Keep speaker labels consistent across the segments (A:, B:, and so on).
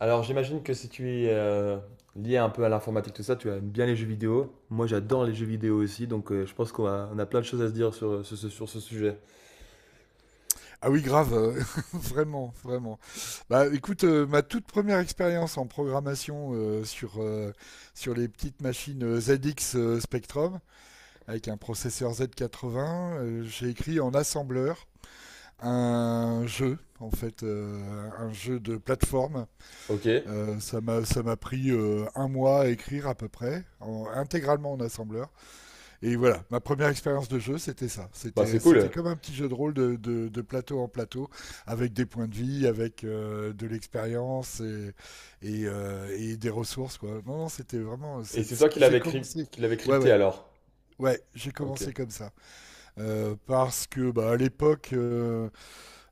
A: Alors j'imagine que si tu es lié un peu à l'informatique, tout ça, tu aimes bien les jeux vidéo. Moi j'adore les jeux vidéo aussi, donc je pense qu'on a plein de choses à se dire sur ce sujet.
B: Ah oui, grave, vraiment, vraiment. Bah, écoute, ma toute première expérience en programmation sur les petites machines ZX Spectrum avec un processeur Z80, j'ai écrit en assembleur un jeu, en fait, un jeu de plateforme.
A: Ok,
B: Ça m'a pris 1 mois à écrire à peu près, intégralement en assembleur. Et voilà, ma première expérience de jeu, c'était ça.
A: bah
B: C'était,
A: c'est
B: c'était
A: cool.
B: comme un petit jeu de rôle de plateau en plateau, avec des points de vie, avec de l'expérience et des ressources, quoi. Non, non, c'était vraiment.
A: Et c'est toi qui
B: J'ai commencé.
A: qui l'avais
B: Ouais,
A: crypté
B: ouais.
A: alors.
B: Ouais, j'ai
A: Ok.
B: commencé comme ça. Parce que bah, à l'époque, euh,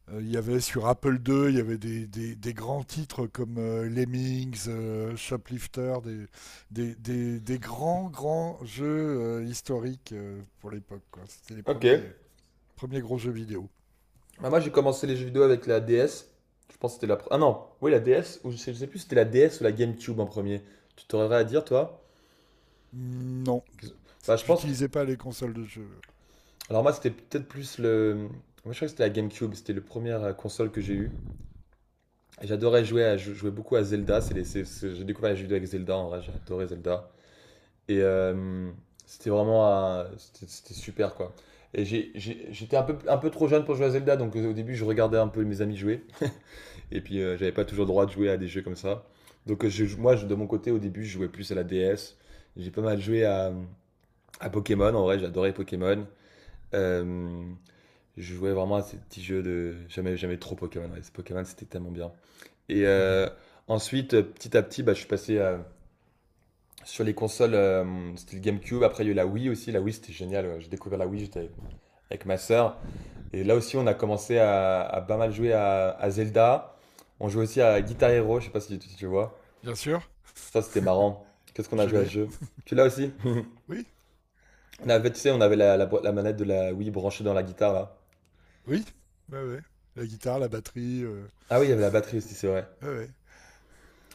B: euh, il y avait sur Apple II, il y avait des grands titres comme Lemmings, Shoplifter, des grands jeux historiques pour l'époque, quoi. C'était
A: Ok.
B: premiers gros jeux vidéo.
A: Bah, moi j'ai commencé les jeux vidéo avec la DS. Je pense que Ah non, oui la DS, ou je sais plus si c'était la DS ou la GameCube en premier. Tu t'aurais à dire toi?
B: Mm, non,
A: Qu'est-ce- Bah je pense que...
B: j'utilisais pas les consoles de jeu.
A: Alors moi c'était peut-être plus le... Moi je crois que c'était la GameCube, c'était la première console que j'ai eue. Et j'adorais jouer, je jouais beaucoup à Zelda. C'est les- c'est- J'ai découvert les jeux vidéo avec Zelda. En vrai, j'ai adoré Zelda. Et c'était vraiment, c'était super quoi. Et j'étais un peu trop jeune pour jouer à Zelda, donc au début je regardais un peu mes amis jouer. Et puis j'avais pas toujours le droit de jouer à des jeux comme ça. Donc de mon côté, au début, je jouais plus à la DS. J'ai pas mal joué à Pokémon. En vrai, j'adorais Pokémon. Euh, je jouais vraiment à ces petits jeux de jamais, jamais trop Pokémon. Ouais. Ce Pokémon, c'était tellement bien. Et ensuite, petit à petit, bah, je suis passé sur les consoles c'était le GameCube. Après, il y a eu la Wii aussi. La Wii, c'était génial. Ouais. J'ai découvert la Wii, j'étais avec ma sœur. Et là aussi, on a commencé à pas mal jouer à Zelda. On jouait aussi à Guitar Hero. Je sais pas si tu vois.
B: Bien sûr,
A: Ça, c'était marrant. Qu'est-ce qu'on a
B: je
A: joué à ce
B: l'ai.
A: jeu? Tu l'as aussi?
B: Oui,
A: On avait, tu sais, on avait la manette de la Wii branchée dans la guitare là.
B: oui, ouais, ouais. La guitare, la batterie,
A: Ah oui, il y avait la batterie aussi, c'est vrai.
B: ouais, ouais.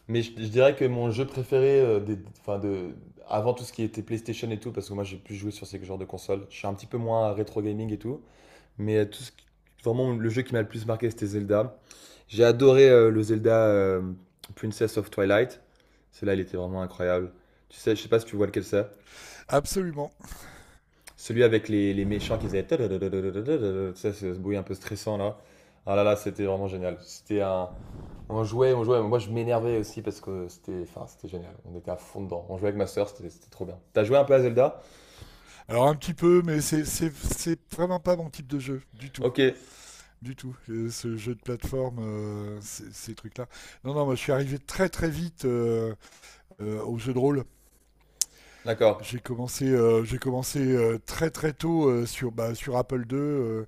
A: Mais je dirais que mon jeu préféré, avant tout ce qui était PlayStation et tout, parce que moi j'ai plus joué sur ces genres de consoles, je suis un petit peu moins rétro gaming et tout, mais vraiment le jeu qui m'a le plus marqué c'était Zelda. J'ai adoré le Zelda Princess of Twilight, celui-là il était vraiment incroyable. Tu sais, je sais pas si tu vois lequel c'est.
B: Absolument.
A: Celui avec les méchants qui faisaient. Ça, c'est ce bruit un peu stressant là. Ah là là, c'était vraiment génial. C'était un. On jouait, on jouait. Moi, je m'énervais aussi parce que c'était enfin, c'était génial. On était à fond dedans. On jouait avec ma sœur, c'était trop bien. T'as joué un peu à Zelda?
B: Alors un petit peu, mais c'est vraiment pas mon type de jeu du tout,
A: Ok,
B: du tout. Ce jeu de plateforme, ces trucs-là. Non, non, moi je suis arrivé très très vite au jeu de rôle.
A: d'accord.
B: J'ai commencé très très tôt sur, bah, sur Apple II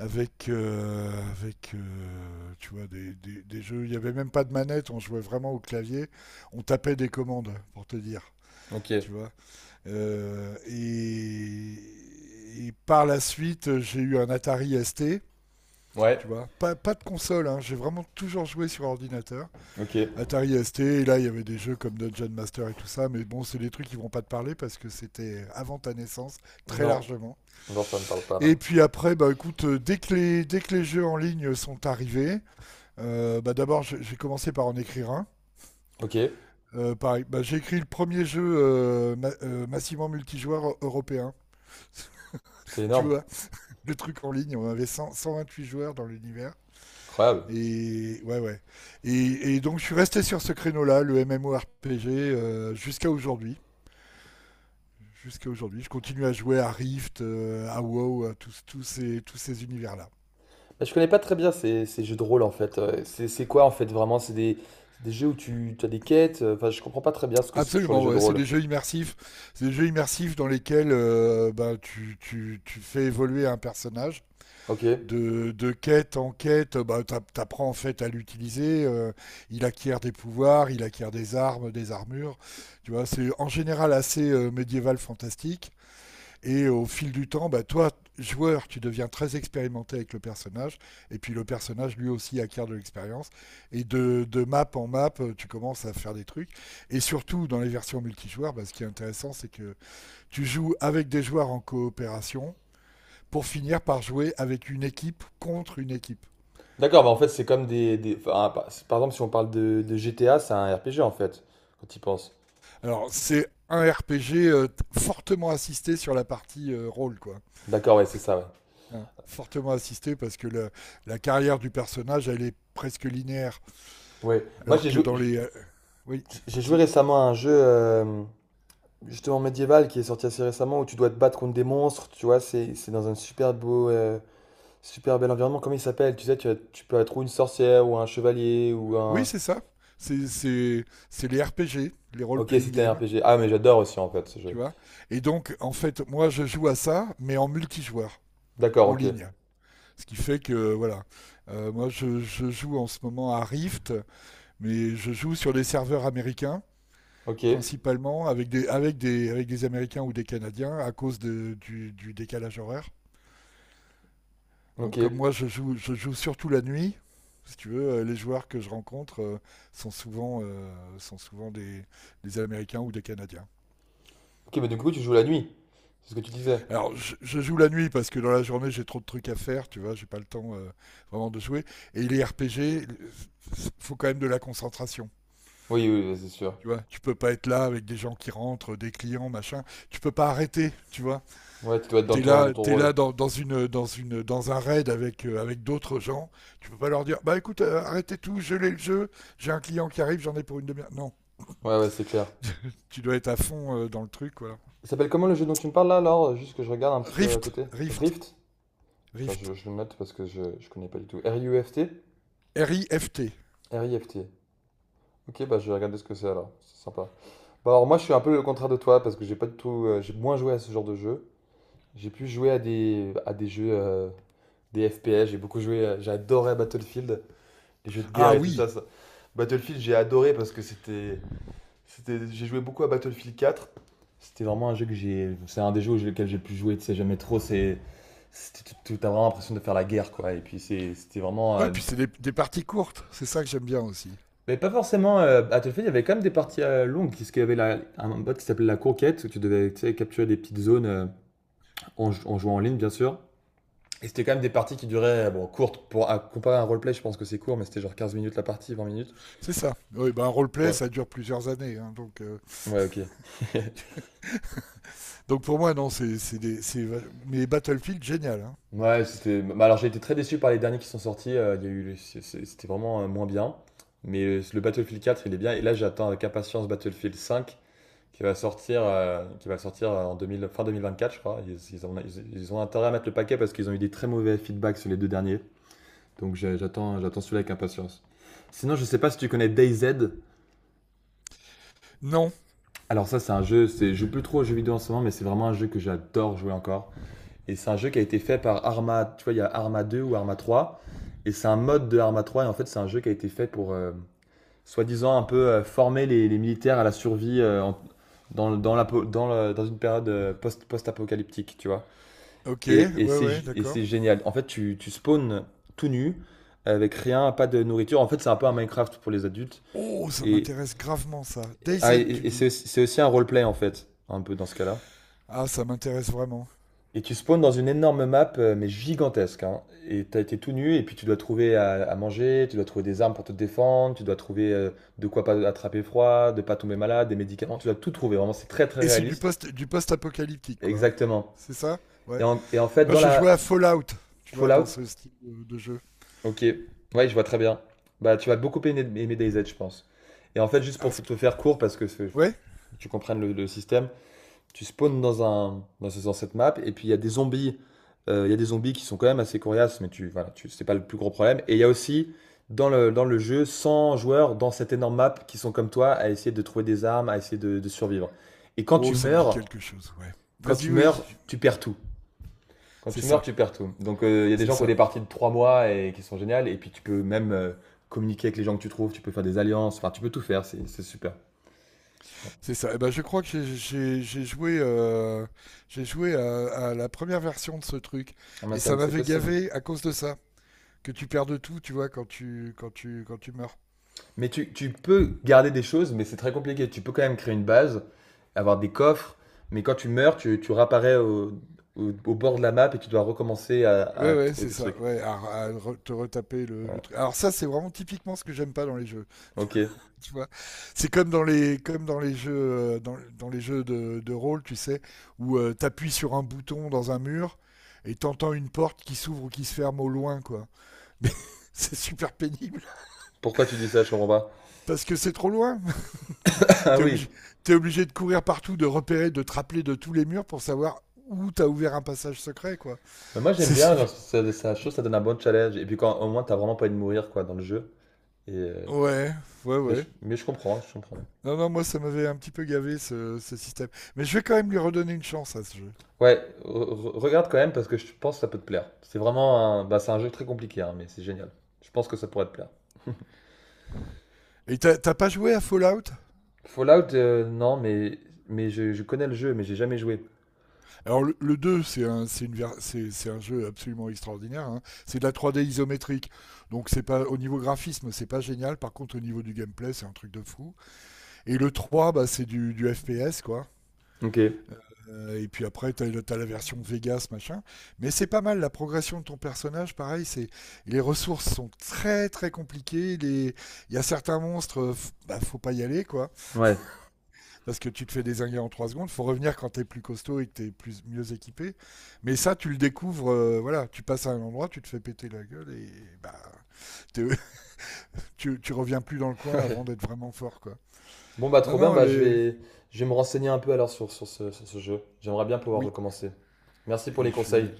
B: avec tu vois, des jeux. Il n'y avait même pas de manette, on jouait vraiment au clavier. On tapait des commandes, pour te dire.
A: Ok.
B: Tu vois. Et par la suite, j'ai eu un Atari ST.
A: Ouais,
B: Tu vois, pas de console, hein. J'ai vraiment toujours joué sur ordinateur.
A: ok.
B: Atari ST, et là il y avait des jeux comme Dungeon Master et tout ça, mais bon, c'est des trucs qui vont pas te parler parce que c'était avant ta naissance, très
A: Non.
B: largement.
A: Non, ça me parle pas là.
B: Et puis après, bah écoute, dès que les jeux en ligne sont arrivés, bah d'abord j'ai commencé par en écrire un.
A: Ok,
B: Pareil, bah, j'ai écrit le premier jeu massivement multijoueur européen.
A: c'est
B: Tu
A: énorme.
B: vois, le truc en ligne, on avait 100 128 joueurs dans l'univers.
A: Incroyable.
B: Et ouais, ouais. Et donc je suis resté sur ce créneau-là, le MMORPG, jusqu'à aujourd'hui. Jusqu'à aujourd'hui, je continue à jouer à Rift, à WoW, tous ces univers-là.
A: Bah, je connais pas très bien ces jeux de rôle en fait. C'est quoi en fait vraiment? C'est des jeux où tu as des quêtes. Enfin, je comprends pas très bien ce que c'est toujours les
B: Absolument,
A: jeux de
B: ouais. C'est
A: rôle.
B: des jeux immersifs. C'est des jeux immersifs dans lesquels bah, tu fais évoluer un personnage
A: Ok.
B: de quête en quête, bah, t'apprends en fait à l'utiliser. Il acquiert des pouvoirs, il acquiert des armes, des armures. Tu vois, c'est en général assez médiéval fantastique. Et au fil du temps, bah, toi, joueur, tu deviens très expérimenté avec le personnage, et puis le personnage lui aussi acquiert de l'expérience, et de map en map, tu commences à faire des trucs, et surtout dans les versions multijoueurs, bah, ce qui est intéressant, c'est que tu joues avec des joueurs en coopération, pour finir par jouer avec une équipe contre une équipe.
A: D'accord, bah en fait, c'est comme par exemple, si on parle de GTA, c'est un RPG en fait, quand tu y penses.
B: Alors c'est un RPG fortement assisté sur la partie rôle, quoi,
A: D'accord, ouais, c'est ça, ouais.
B: hein. Fortement assisté parce que la carrière du personnage, elle est presque linéaire.
A: Ouais. Moi,
B: Alors
A: j'ai
B: que
A: joué,
B: dans les. Oui,
A: j'ai j'ai joué
B: vas-y.
A: récemment à un jeu, justement médiéval, qui est sorti assez récemment, où tu dois te battre contre des monstres, tu vois, c'est dans un super beau, super bel environnement. Comment il s'appelle? Tu sais, tu peux être ou une sorcière, ou un chevalier, ou
B: Oui,
A: un.
B: c'est ça. C'est les RPG, les
A: Ok,
B: role-playing
A: c'était un
B: games,
A: RPG. Ah, mais j'adore aussi en fait ce
B: tu
A: jeu.
B: vois. Et donc, en fait, moi, je joue à ça, mais en multijoueur,
A: D'accord,
B: en
A: ok.
B: ligne. Ce qui fait que, voilà. Moi, je joue en ce moment à Rift, mais je joue sur des serveurs américains,
A: Ok,
B: principalement, avec des Américains ou des Canadiens, à cause du décalage horaire.
A: ok.
B: Donc moi, je joue surtout la nuit. Si tu veux, les joueurs que je rencontre sont souvent des Américains ou des Canadiens.
A: Ok, mais du coup, tu joues la nuit, c'est ce que tu disais.
B: Alors, je joue la nuit parce que dans la journée, j'ai trop de trucs à faire, tu vois, j'ai pas le temps vraiment de jouer. Et les RPG, il faut quand même de la concentration.
A: Oui, oui, oui, c'est sûr.
B: Tu vois, tu peux pas être là avec des gens qui rentrent, des clients, machin. Tu peux pas arrêter, tu vois.
A: Ouais, tu dois être dans ton
B: T'es
A: rôle.
B: là dans un raid avec d'autres gens. Tu peux pas leur dire, bah écoute, arrêtez tout, gelez le jeu. J'ai un client qui arrive, j'en ai pour une demi-heure. Non,
A: Ouais, ouais, c'est clair.
B: tu dois être à fond dans le truc, voilà.
A: Il s'appelle comment le jeu dont tu me parles là, alors? Juste que je regarde un petit peu à
B: Rift,
A: côté.
B: Rift,
A: Rift? Attends,
B: Rift,
A: je le note parce que je connais pas du tout. R-I-U-F-T?
B: R-I-F-T.
A: Rift. Ok, bah je vais regarder ce que c'est alors. C'est sympa. Bah alors moi, je suis un peu le contraire de toi parce que j'ai pas du tout. J'ai moins joué à ce genre de jeu. J'ai pu jouer à à des jeux, des FPS. J'ai beaucoup joué. J'ai adoré Battlefield. Les jeux de guerre
B: Ah
A: et tout
B: oui.
A: ça. Battlefield, j'ai adoré parce que c'était. C'était, j'ai joué beaucoup à Battlefield 4. C'était vraiment un jeu que j'ai. C'est un des jeux auxquels j'ai pu jouer, tu sais, jamais trop. C'est. T'as vraiment l'impression de faire la guerre, quoi. Et puis c'était vraiment.
B: Ouais, puis c'est des parties courtes. C'est ça
A: C'est-
B: que j'aime bien aussi.
A: Mais pas forcément Battlefield, il y avait quand même des parties longues. Parce qu'il y avait un mode qui s'appelait la conquête, où tu devais tu sais, capturer des petites zones en jouant en ligne, bien sûr. Et c'était quand même des parties qui duraient, bon, courtes. Pour à comparer à un roleplay, je pense que c'est court, mais c'était genre 15 minutes la partie, 20 minutes.
B: C'est ça. Oui, bah un roleplay,
A: Ouais,
B: ça dure plusieurs années, hein,
A: ouais, ok.
B: donc pour moi, non, c'est mais Battlefield, génial, hein.
A: Ouais, c'était. Bah, alors j'ai été très déçu par les derniers qui sont sortis. Il y a eu, c'est- c'était vraiment moins bien. Mais le Battlefield 4, il est bien. Et là, j'attends avec impatience Battlefield 5, qui va sortir en 2000 fin 2024, je crois. Ils ont intérêt à mettre le paquet parce qu'ils ont eu des très mauvais feedbacks sur les deux derniers. Donc j'attends celui-là avec impatience. Sinon, je sais pas si tu connais DayZ.
B: Non.
A: Alors ça, c'est un jeu. C'est, je joue plus trop aux jeux vidéo en ce moment, mais c'est vraiment un jeu que j'adore jouer encore. Et c'est un jeu qui a été fait par Arma, tu vois, il y a Arma 2 ou Arma 3, et c'est un mode de Arma 3. Et en fait, c'est un jeu qui a été fait pour, soi-disant, un peu former les militaires à la survie en- dans, le- dans, la, po- dans, le- dans une période post-apocalyptique, tu vois.
B: Ok,
A: Et
B: ouais,
A: c'est,
B: ouais,
A: et
B: d'accord.
A: c'est génial. En fait, tu spawns tout nu, avec rien, pas de nourriture. En fait, c'est un peu un Minecraft pour les adultes.
B: Oh, ça
A: Et,
B: m'intéresse gravement ça.
A: ah, et,
B: DayZ, tu
A: et c'est,
B: dis?
A: aussi c'est aussi un roleplay, en fait, un peu dans ce cas-là.
B: Ah, ça m'intéresse vraiment.
A: Et tu spawns dans une énorme map, mais gigantesque, hein. Et t'as été tout nu, et puis tu dois trouver à manger, tu dois trouver des armes pour te défendre, tu dois trouver de quoi pas attraper froid, de pas tomber malade, des médicaments, tu dois tout trouver. Vraiment, c'est très très
B: Et c'est
A: réaliste.
B: du post-apocalyptique, quoi, hein.
A: Exactement.
B: C'est ça. Ouais.
A: Et en fait,
B: Moi,
A: dans
B: je jouais à
A: la.
B: Fallout, tu vois,
A: Fallout,
B: dans ce style de jeu.
A: ok, ouais, je vois très bien. Bah, tu vas beaucoup aimer DayZ, je pense. Et en fait, juste
B: Ah,
A: pour
B: ce qui-
A: te faire court, parce que
B: Ouais.
A: tu comprennes le système, tu spawns dans cette map et puis il y a des zombies qui sont quand même assez coriaces mais tu voilà tu c'est pas le plus gros problème et il y a aussi dans le jeu 100 joueurs dans cette énorme map qui sont comme toi à essayer de trouver des armes à essayer de survivre et
B: Oh, ça me dit quelque chose, ouais.
A: quand
B: Vas-y,
A: tu
B: oui.
A: meurs tu perds tout
B: C'est ça,
A: donc il y a des
B: c'est
A: gens qui ont
B: ça,
A: des parties de 3 mois et qui sont géniales et puis tu peux même communiquer avec les gens que tu trouves tu peux faire des alliances enfin tu peux tout faire c'est super.
B: c'est ça. Et ben, je crois que j'ai j'ai joué à la première version de ce truc.
A: Ah, mais
B: Et
A: ça,
B: ça
A: c'est
B: m'avait
A: possible.
B: gavé à cause de ça. Que tu perds de tout, tu vois, quand tu meurs.
A: Mais tu peux garder des choses, mais c'est très compliqué. Tu peux quand même créer une base, avoir des coffres, mais quand tu meurs, tu réapparais au bord de la map et tu dois recommencer à
B: Ouais, ouais,
A: trouver
B: c'est
A: des
B: ça.
A: trucs.
B: Ouais, te retaper le
A: Ouais.
B: truc. Alors ça, c'est vraiment typiquement ce que j'aime pas dans les jeux.
A: Ok.
B: Tu vois, c'est comme dans les jeux dans les jeux de rôle, tu sais, où t'appuies sur un bouton dans un mur et t'entends une porte qui s'ouvre ou qui se ferme au loin, quoi. Mais c'est super pénible
A: Pourquoi tu dis ça? Je comprends pas.
B: parce que c'est trop loin.
A: Ah
B: T'es
A: oui.
B: obligé t'es obligé de courir partout, de repérer, de te rappeler de tous les murs pour savoir où t'as ouvert un passage secret, quoi.
A: Mais moi j'aime
B: C'est
A: bien,
B: super-
A: genre, ça, je trouve que ça donne un bon challenge. Et puis quand au moins t'as vraiment pas envie de mourir quoi dans le jeu. Et,
B: Ouais, ouais,
A: mais,
B: ouais.
A: mais je comprends, je comprends.
B: Non, non, moi ça m'avait un petit peu gavé ce système. Mais je vais quand même lui redonner une chance à ce jeu.
A: Ouais, regarde quand même parce que je pense que ça peut te plaire. C'est vraiment un, bah, c'est un jeu très compliqué, hein, mais c'est génial. Je pense que ça pourrait te plaire.
B: Et t'as pas joué à Fallout?
A: Fallout, non, mais je connais le jeu, mais j'ai jamais joué.
B: Alors le 2, c'est un, c'est une ver- c'est un jeu absolument extraordinaire, hein. C'est de la 3D isométrique. Donc c'est pas au niveau graphisme, c'est pas génial. Par contre, au niveau du gameplay, c'est un truc de fou. Et le 3 bah, c'est du FPS, quoi.
A: Ok. Ouais.
B: Et puis après, tu as, la version Vegas, machin. Mais c'est pas mal, la progression de ton personnage, pareil, c'est les ressources sont très très compliquées. Les- Il y a certains monstres, bah, faut pas y aller, quoi. Parce que tu te fais désinguer en 3 secondes. Faut revenir quand t'es plus costaud et que tu mieux équipé. Mais ça, tu le découvres, voilà, tu passes à un endroit, tu te fais péter la gueule et bah, t'es- tu reviens plus dans le coin
A: Ouais.
B: avant d'être vraiment fort, quoi.
A: Bon, bah,
B: Non,
A: trop bien,
B: non,
A: bah, je
B: les...
A: vais, je vais me renseigner un peu alors sur ce jeu. J'aimerais bien pouvoir
B: oui.
A: recommencer. Merci pour
B: Et
A: les
B: je
A: conseils.
B: fais-